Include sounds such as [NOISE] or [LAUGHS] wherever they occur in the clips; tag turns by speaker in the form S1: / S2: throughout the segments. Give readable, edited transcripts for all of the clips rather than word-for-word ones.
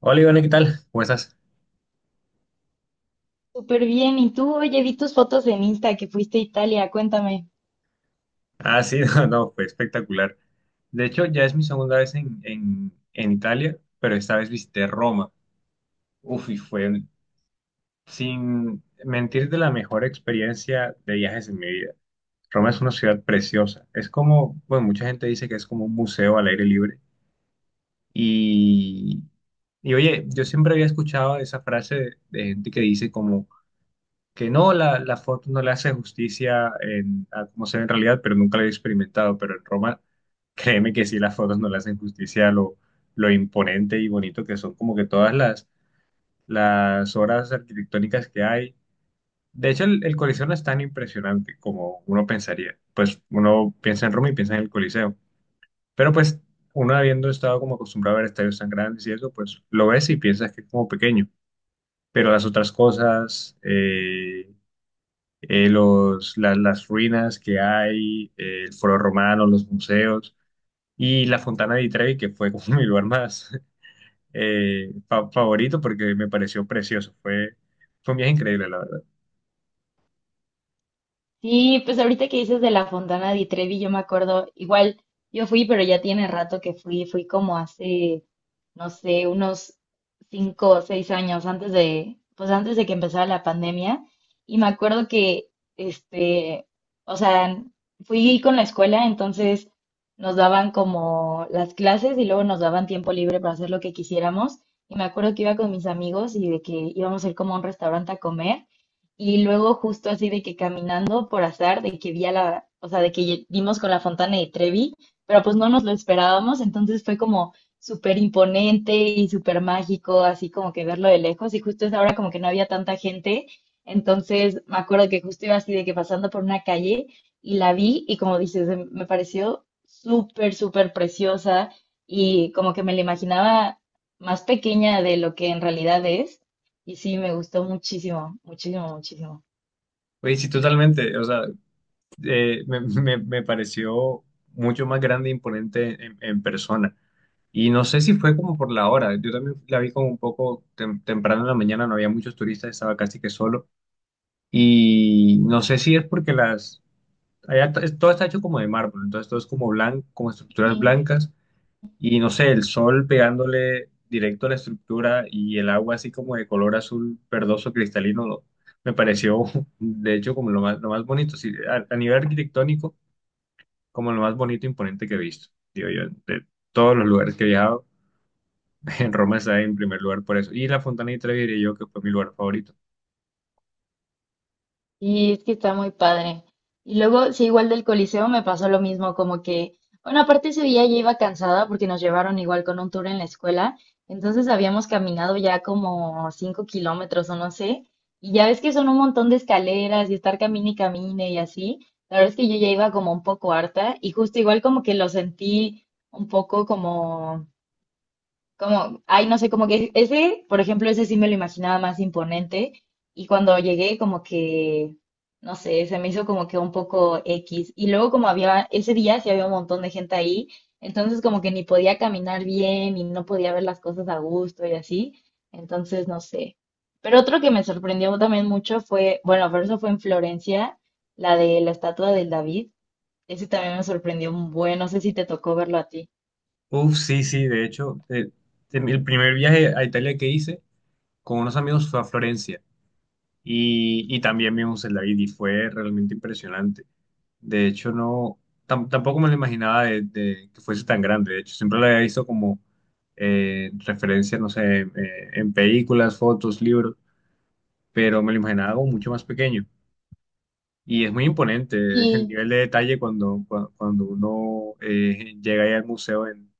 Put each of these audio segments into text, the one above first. S1: Hola Iván, ¿qué tal? ¿Cómo estás?
S2: Súper bien. ¿Y tú? Oye, vi tus fotos en Insta que fuiste a Italia. Cuéntame.
S1: Ah, sí, [LAUGHS] no, no, fue espectacular. De hecho, ya es mi segunda vez en Italia, pero esta vez visité Roma. Uf, y fue, sin mentir, de la mejor experiencia de viajes en mi vida. Roma es una ciudad preciosa. Es como, bueno, mucha gente dice que es como un museo al aire libre. Y, y oye, yo siempre había escuchado esa frase de gente que dice como que no, la foto no le hace justicia en, a cómo se ve en realidad, pero nunca lo he experimentado, pero en Roma, [LAUGHS] créeme que sí, las fotos no le hacen justicia a lo imponente y bonito que son como que todas las obras arquitectónicas que hay. De hecho, el Coliseo no es tan impresionante como uno pensaría. Pues uno piensa en Roma y piensa en el Coliseo, pero pues uno habiendo estado como acostumbrado a ver estadios tan grandes y eso, pues lo ves y piensas que es como pequeño. Pero las otras cosas, los, las ruinas que hay, el Foro Romano, los museos y la Fontana di Trevi, que fue como [LAUGHS] mi lugar más favorito porque me pareció precioso. Fue un viaje increíble, la verdad.
S2: Sí, pues ahorita que dices de la Fontana di Trevi, yo me acuerdo, igual yo fui, pero ya tiene rato que fui como hace, no sé, unos 5 o 6 años antes pues antes de que empezara la pandemia, y me acuerdo que, este, o sea, fui con la escuela, entonces nos daban como las clases y luego nos daban tiempo libre para hacer lo que quisiéramos, y me acuerdo que iba con mis amigos y de que íbamos a ir como a un restaurante a comer. Y luego justo así de que caminando por azar, de que vi a la, o sea, de que dimos con la Fontana de Trevi, pero pues no nos lo esperábamos, entonces fue como súper imponente y súper mágico, así como que verlo de lejos, y justo esa hora como que no había tanta gente, entonces me acuerdo que justo iba así de que pasando por una calle y la vi y como dices, me pareció súper, súper preciosa y como que me la imaginaba más pequeña de lo que en realidad es. Y sí, me gustó muchísimo, muchísimo, muchísimo.
S1: Oye, sí, totalmente. O sea, me pareció mucho más grande e imponente en persona. Y no sé si fue como por la hora. Yo también la vi como un poco temprano en la mañana, no había muchos turistas, estaba casi que solo. Y no sé si es porque allá todo está hecho como de mármol, entonces todo es como blanco, como estructuras
S2: Ujú.
S1: blancas y no sé, el sol pegándole directo a la estructura y el agua así como de color azul verdoso cristalino, me pareció [LAUGHS] de hecho como lo más bonito, sí, a nivel arquitectónico, como lo más bonito e imponente que he visto, digo yo, de todos los lugares que he viajado, [LAUGHS] en Roma está en primer lugar por eso, y la Fontana di Trevi diría yo que fue mi lugar favorito.
S2: Y es que está muy padre. Y luego, sí, igual del Coliseo me pasó lo mismo, como que, bueno, aparte ese día ya iba cansada porque nos llevaron igual con un tour en la escuela, entonces habíamos caminado ya como 5 kilómetros o no sé, y ya ves que son un montón de escaleras y estar camine y camine y así, la verdad es que yo ya iba como un poco harta y justo igual como que lo sentí un poco como, ay, no sé, como que ese, por ejemplo, ese sí me lo imaginaba más imponente. Y cuando llegué, como que, no sé, se me hizo como que un poco X. Y luego, como había, ese día sí había un montón de gente ahí, entonces como que ni podía caminar bien y no podía ver las cosas a gusto y así. Entonces, no sé. Pero otro que me sorprendió también mucho fue, bueno, pero eso fue en Florencia, la de la estatua del David. Ese también me sorprendió un buen, no sé si te tocó verlo a ti.
S1: Uf, sí, sí, de hecho, el primer viaje a Italia que hice con unos amigos fue a Florencia. Y también vimos el David y fue realmente impresionante. De hecho, no, tampoco me lo imaginaba de que fuese tan grande. De hecho, siempre lo había visto como referencia, no sé, en películas, fotos, libros, pero me lo imaginaba como mucho más pequeño. Y es muy imponente [LAUGHS] el nivel de detalle cuando, cuando uno llega ahí al museo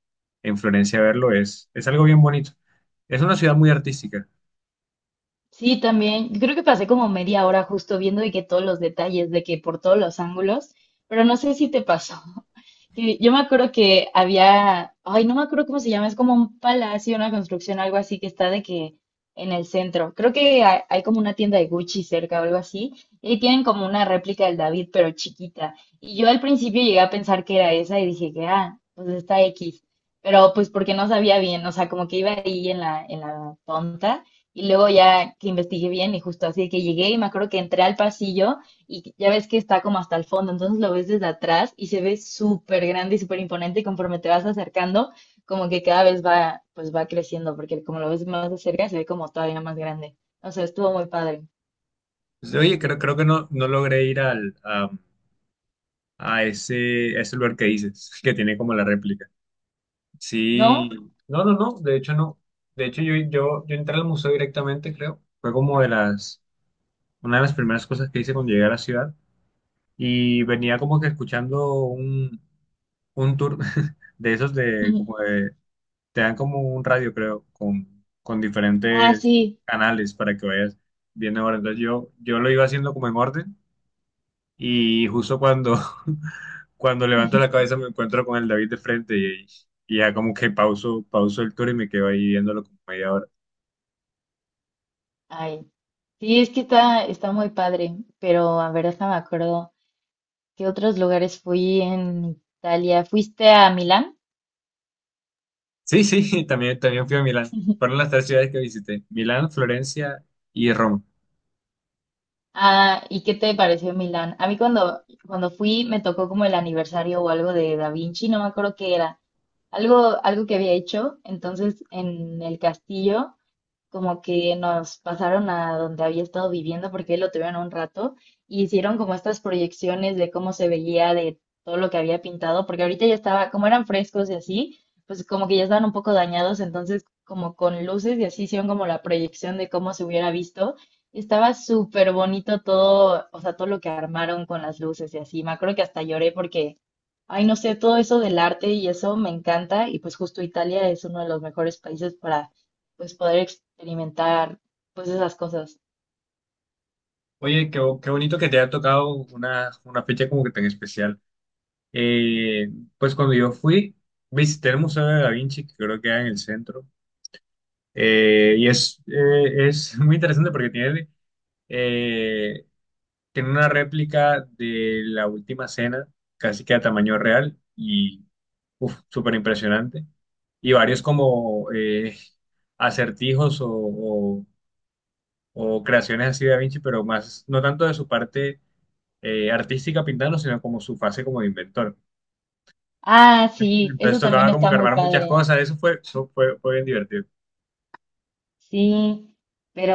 S1: en Florencia a verlo. Es algo bien bonito. Es una ciudad muy artística.
S2: Sí, también. Creo que pasé como media hora justo viendo de que todos los detalles, de que por todos los ángulos, pero no sé si te pasó que yo me acuerdo que había, ay, no me acuerdo cómo se llama, es como un palacio, una construcción, algo así que está de que en el centro. Creo que hay como una tienda de Gucci cerca o algo así, y ahí tienen como una réplica del David, pero chiquita. Y yo al principio llegué a pensar que era esa y dije que, ah, pues está X. Pero pues porque no sabía bien, o sea, como que iba ahí en la, tonta. Y luego ya que investigué bien y justo así que llegué y me acuerdo que entré al pasillo y ya ves que está como hasta el fondo, entonces lo ves desde atrás y se ve súper grande y súper imponente y conforme te vas acercando, como que cada vez va, pues va creciendo, porque como lo ves más de cerca, se ve como todavía más grande. O sea, estuvo muy padre,
S1: Pues, oye, creo que no, no logré ir a ese lugar que dices, [LAUGHS] que tiene como la réplica. Sí,
S2: ¿no?
S1: no, no, no, de hecho no. De hecho yo entré al museo directamente, creo. Fue como de las, una de las primeras cosas que hice cuando llegué a la ciudad y venía como que escuchando un tour [LAUGHS] de esos de, como
S2: [LAUGHS]
S1: de, te dan como un radio, creo, con
S2: Ah,
S1: diferentes
S2: sí.
S1: canales para que vayas viendo ahora. Entonces yo lo iba haciendo como en orden. Y justo cuando, [LAUGHS] cuando levanto la
S2: [LAUGHS]
S1: cabeza me encuentro con el David de frente y ya como que pauso, pauso el tour y me quedo ahí viéndolo como media hora.
S2: Ay, sí, es que está, está muy padre, pero a ver, déjame acuerdo, ¿qué otros lugares fui en Italia? ¿Fuiste a Milán?
S1: Sí, sí, [LAUGHS] también, también fui a Milán.
S2: [LAUGHS]
S1: Fueron las tres ciudades que visité, Milán, Florencia y Roma.
S2: Ah, ¿y qué te pareció Milán? A mí cuando fui me tocó como el aniversario o algo de Da Vinci, no me acuerdo qué era, algo, algo que había hecho, entonces en el castillo como que nos pasaron a donde había estado viviendo porque él lo tuvieron un rato y hicieron como estas proyecciones de cómo se veía de todo lo que había pintado, porque ahorita ya estaba, como eran frescos y así, pues como que ya estaban un poco dañados, entonces como con luces y así hicieron como la proyección de cómo se hubiera visto. Estaba súper bonito todo, o sea, todo lo que armaron con las luces y así. Me acuerdo que hasta lloré porque ay, no sé, todo eso del arte y eso me encanta y pues justo Italia es uno de los mejores países para pues poder experimentar pues esas cosas.
S1: Oye, qué, qué bonito que te haya tocado una fecha como que tan especial. Eh, pues cuando yo fui, visité el Museo de Da Vinci, que creo que era en el centro. Es [LAUGHS] muy interesante porque tiene... eh, tiene una réplica de la última cena, casi que a tamaño real, y uf, súper impresionante. Y varios como acertijos o creaciones así de Da Vinci, pero más, no tanto de su parte artística pintando, sino como su fase como de inventor.
S2: Ah, sí,
S1: Entonces
S2: eso también
S1: tocaba como
S2: está
S1: que
S2: muy
S1: armar muchas
S2: padre.
S1: cosas, fue bien divertido.
S2: Sí,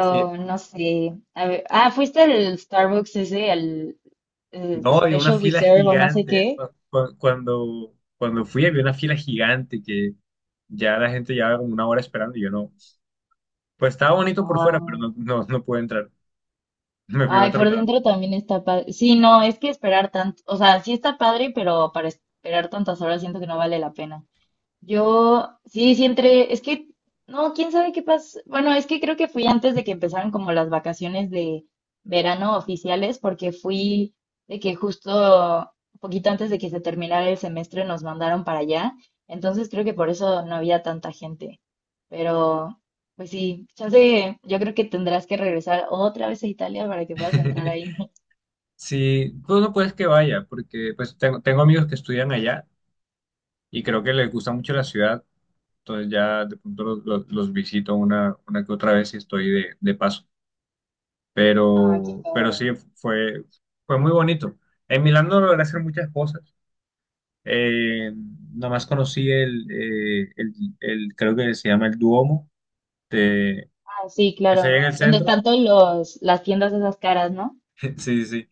S1: Sí.
S2: no sé. A ver, ah, ¿fuiste al Starbucks ese, al
S1: No, había una
S2: Special
S1: fila
S2: Reserve o no sé
S1: gigante.
S2: qué?
S1: Cuando, cuando fui había una fila gigante que ya la gente llevaba como una hora esperando y yo no. Pues estaba bonito por
S2: Ah,
S1: fuera, pero no, no, no pude entrar. [LAUGHS] Me fui a
S2: ay,
S1: otro
S2: por
S1: lado.
S2: dentro también está padre. Sí, no, es que esperar tanto, o sea, sí está padre, pero para esperar tantas horas siento que no vale la pena. Yo, sí, sí entré, es que, no, quién sabe qué pasó. Bueno, es que creo que fui antes de que empezaran como las vacaciones de verano oficiales, porque fui de que justo un poquito antes de que se terminara el semestre nos mandaron para allá. Entonces creo que por eso no había tanta gente. Pero, pues sí, chance, yo creo que tendrás que regresar otra vez a Italia para que puedas entrar
S1: [LAUGHS]
S2: ahí. [LAUGHS]
S1: Sí, tú no puedes que vaya, porque pues tengo, tengo amigos que estudian allá y creo que les gusta mucho la ciudad. Entonces ya de pronto los visito una que otra vez y estoy de paso.
S2: Ah, qué
S1: Pero
S2: padre.
S1: sí, fue, fue muy bonito. En Milán no logré hacer muchas cosas. Eh, nomás conocí creo que se llama el Duomo, de,
S2: Ah, sí,
S1: es allá
S2: claro.
S1: en el
S2: Donde
S1: centro.
S2: están todos los, las tiendas de esas caras, ¿no?
S1: [LAUGHS] Sí, sí.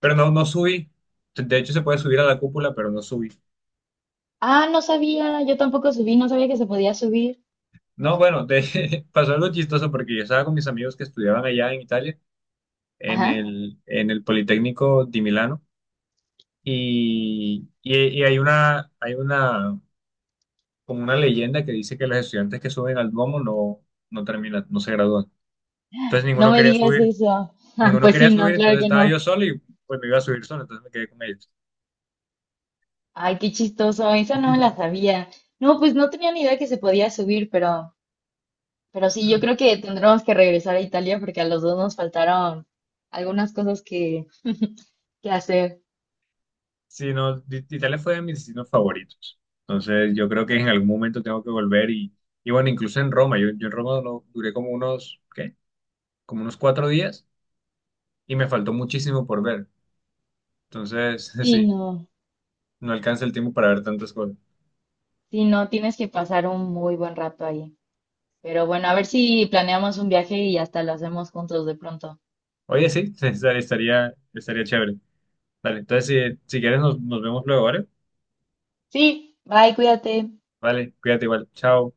S1: Pero no, no subí. De hecho, se puede subir a la cúpula, pero no subí.
S2: Ah, no sabía, yo tampoco subí, no sabía que se podía subir.
S1: No, bueno, [LAUGHS] pasó algo chistoso porque yo estaba con mis amigos que estudiaban allá en Italia,
S2: Ajá,
S1: en el Politécnico di Milano, y hay hay una, como una leyenda que dice que los estudiantes que suben al Duomo no, no terminan, no se gradúan. Entonces
S2: no
S1: ninguno
S2: me
S1: quería
S2: digas
S1: subir.
S2: eso. [LAUGHS]
S1: Ninguno
S2: Pues
S1: quería
S2: sí, no,
S1: subir,
S2: claro
S1: entonces
S2: que
S1: estaba yo
S2: no.
S1: solo y pues me iba a subir solo, entonces me quedé con ellos.
S2: Ay, qué chistoso, esa no me la sabía. No, pues no tenía ni idea que se podía subir, pero sí, yo creo
S1: [CLEARS THROAT]
S2: que tendremos que regresar a Italia porque a los dos nos faltaron algunas cosas que, hacer.
S1: Sí, no, Italia fue de mis destinos favoritos. Entonces yo creo que en algún momento tengo que volver y bueno, incluso en Roma, yo en Roma duré como unos, ¿qué? Como unos 4 días y me faltó muchísimo por ver. Entonces, [LAUGHS]
S2: Sí,
S1: sí,
S2: no,
S1: no alcanza el tiempo para ver tantas cosas.
S2: sí, no, tienes que pasar un muy buen rato ahí. Pero bueno, a ver si planeamos un viaje y hasta lo hacemos juntos de pronto.
S1: Oye, sí, [LAUGHS] estaría, estaría chévere. Vale, entonces si, si quieres nos, nos vemos luego, ¿vale?
S2: Sí, bye, cuídate.
S1: Vale, cuídate igual, chao.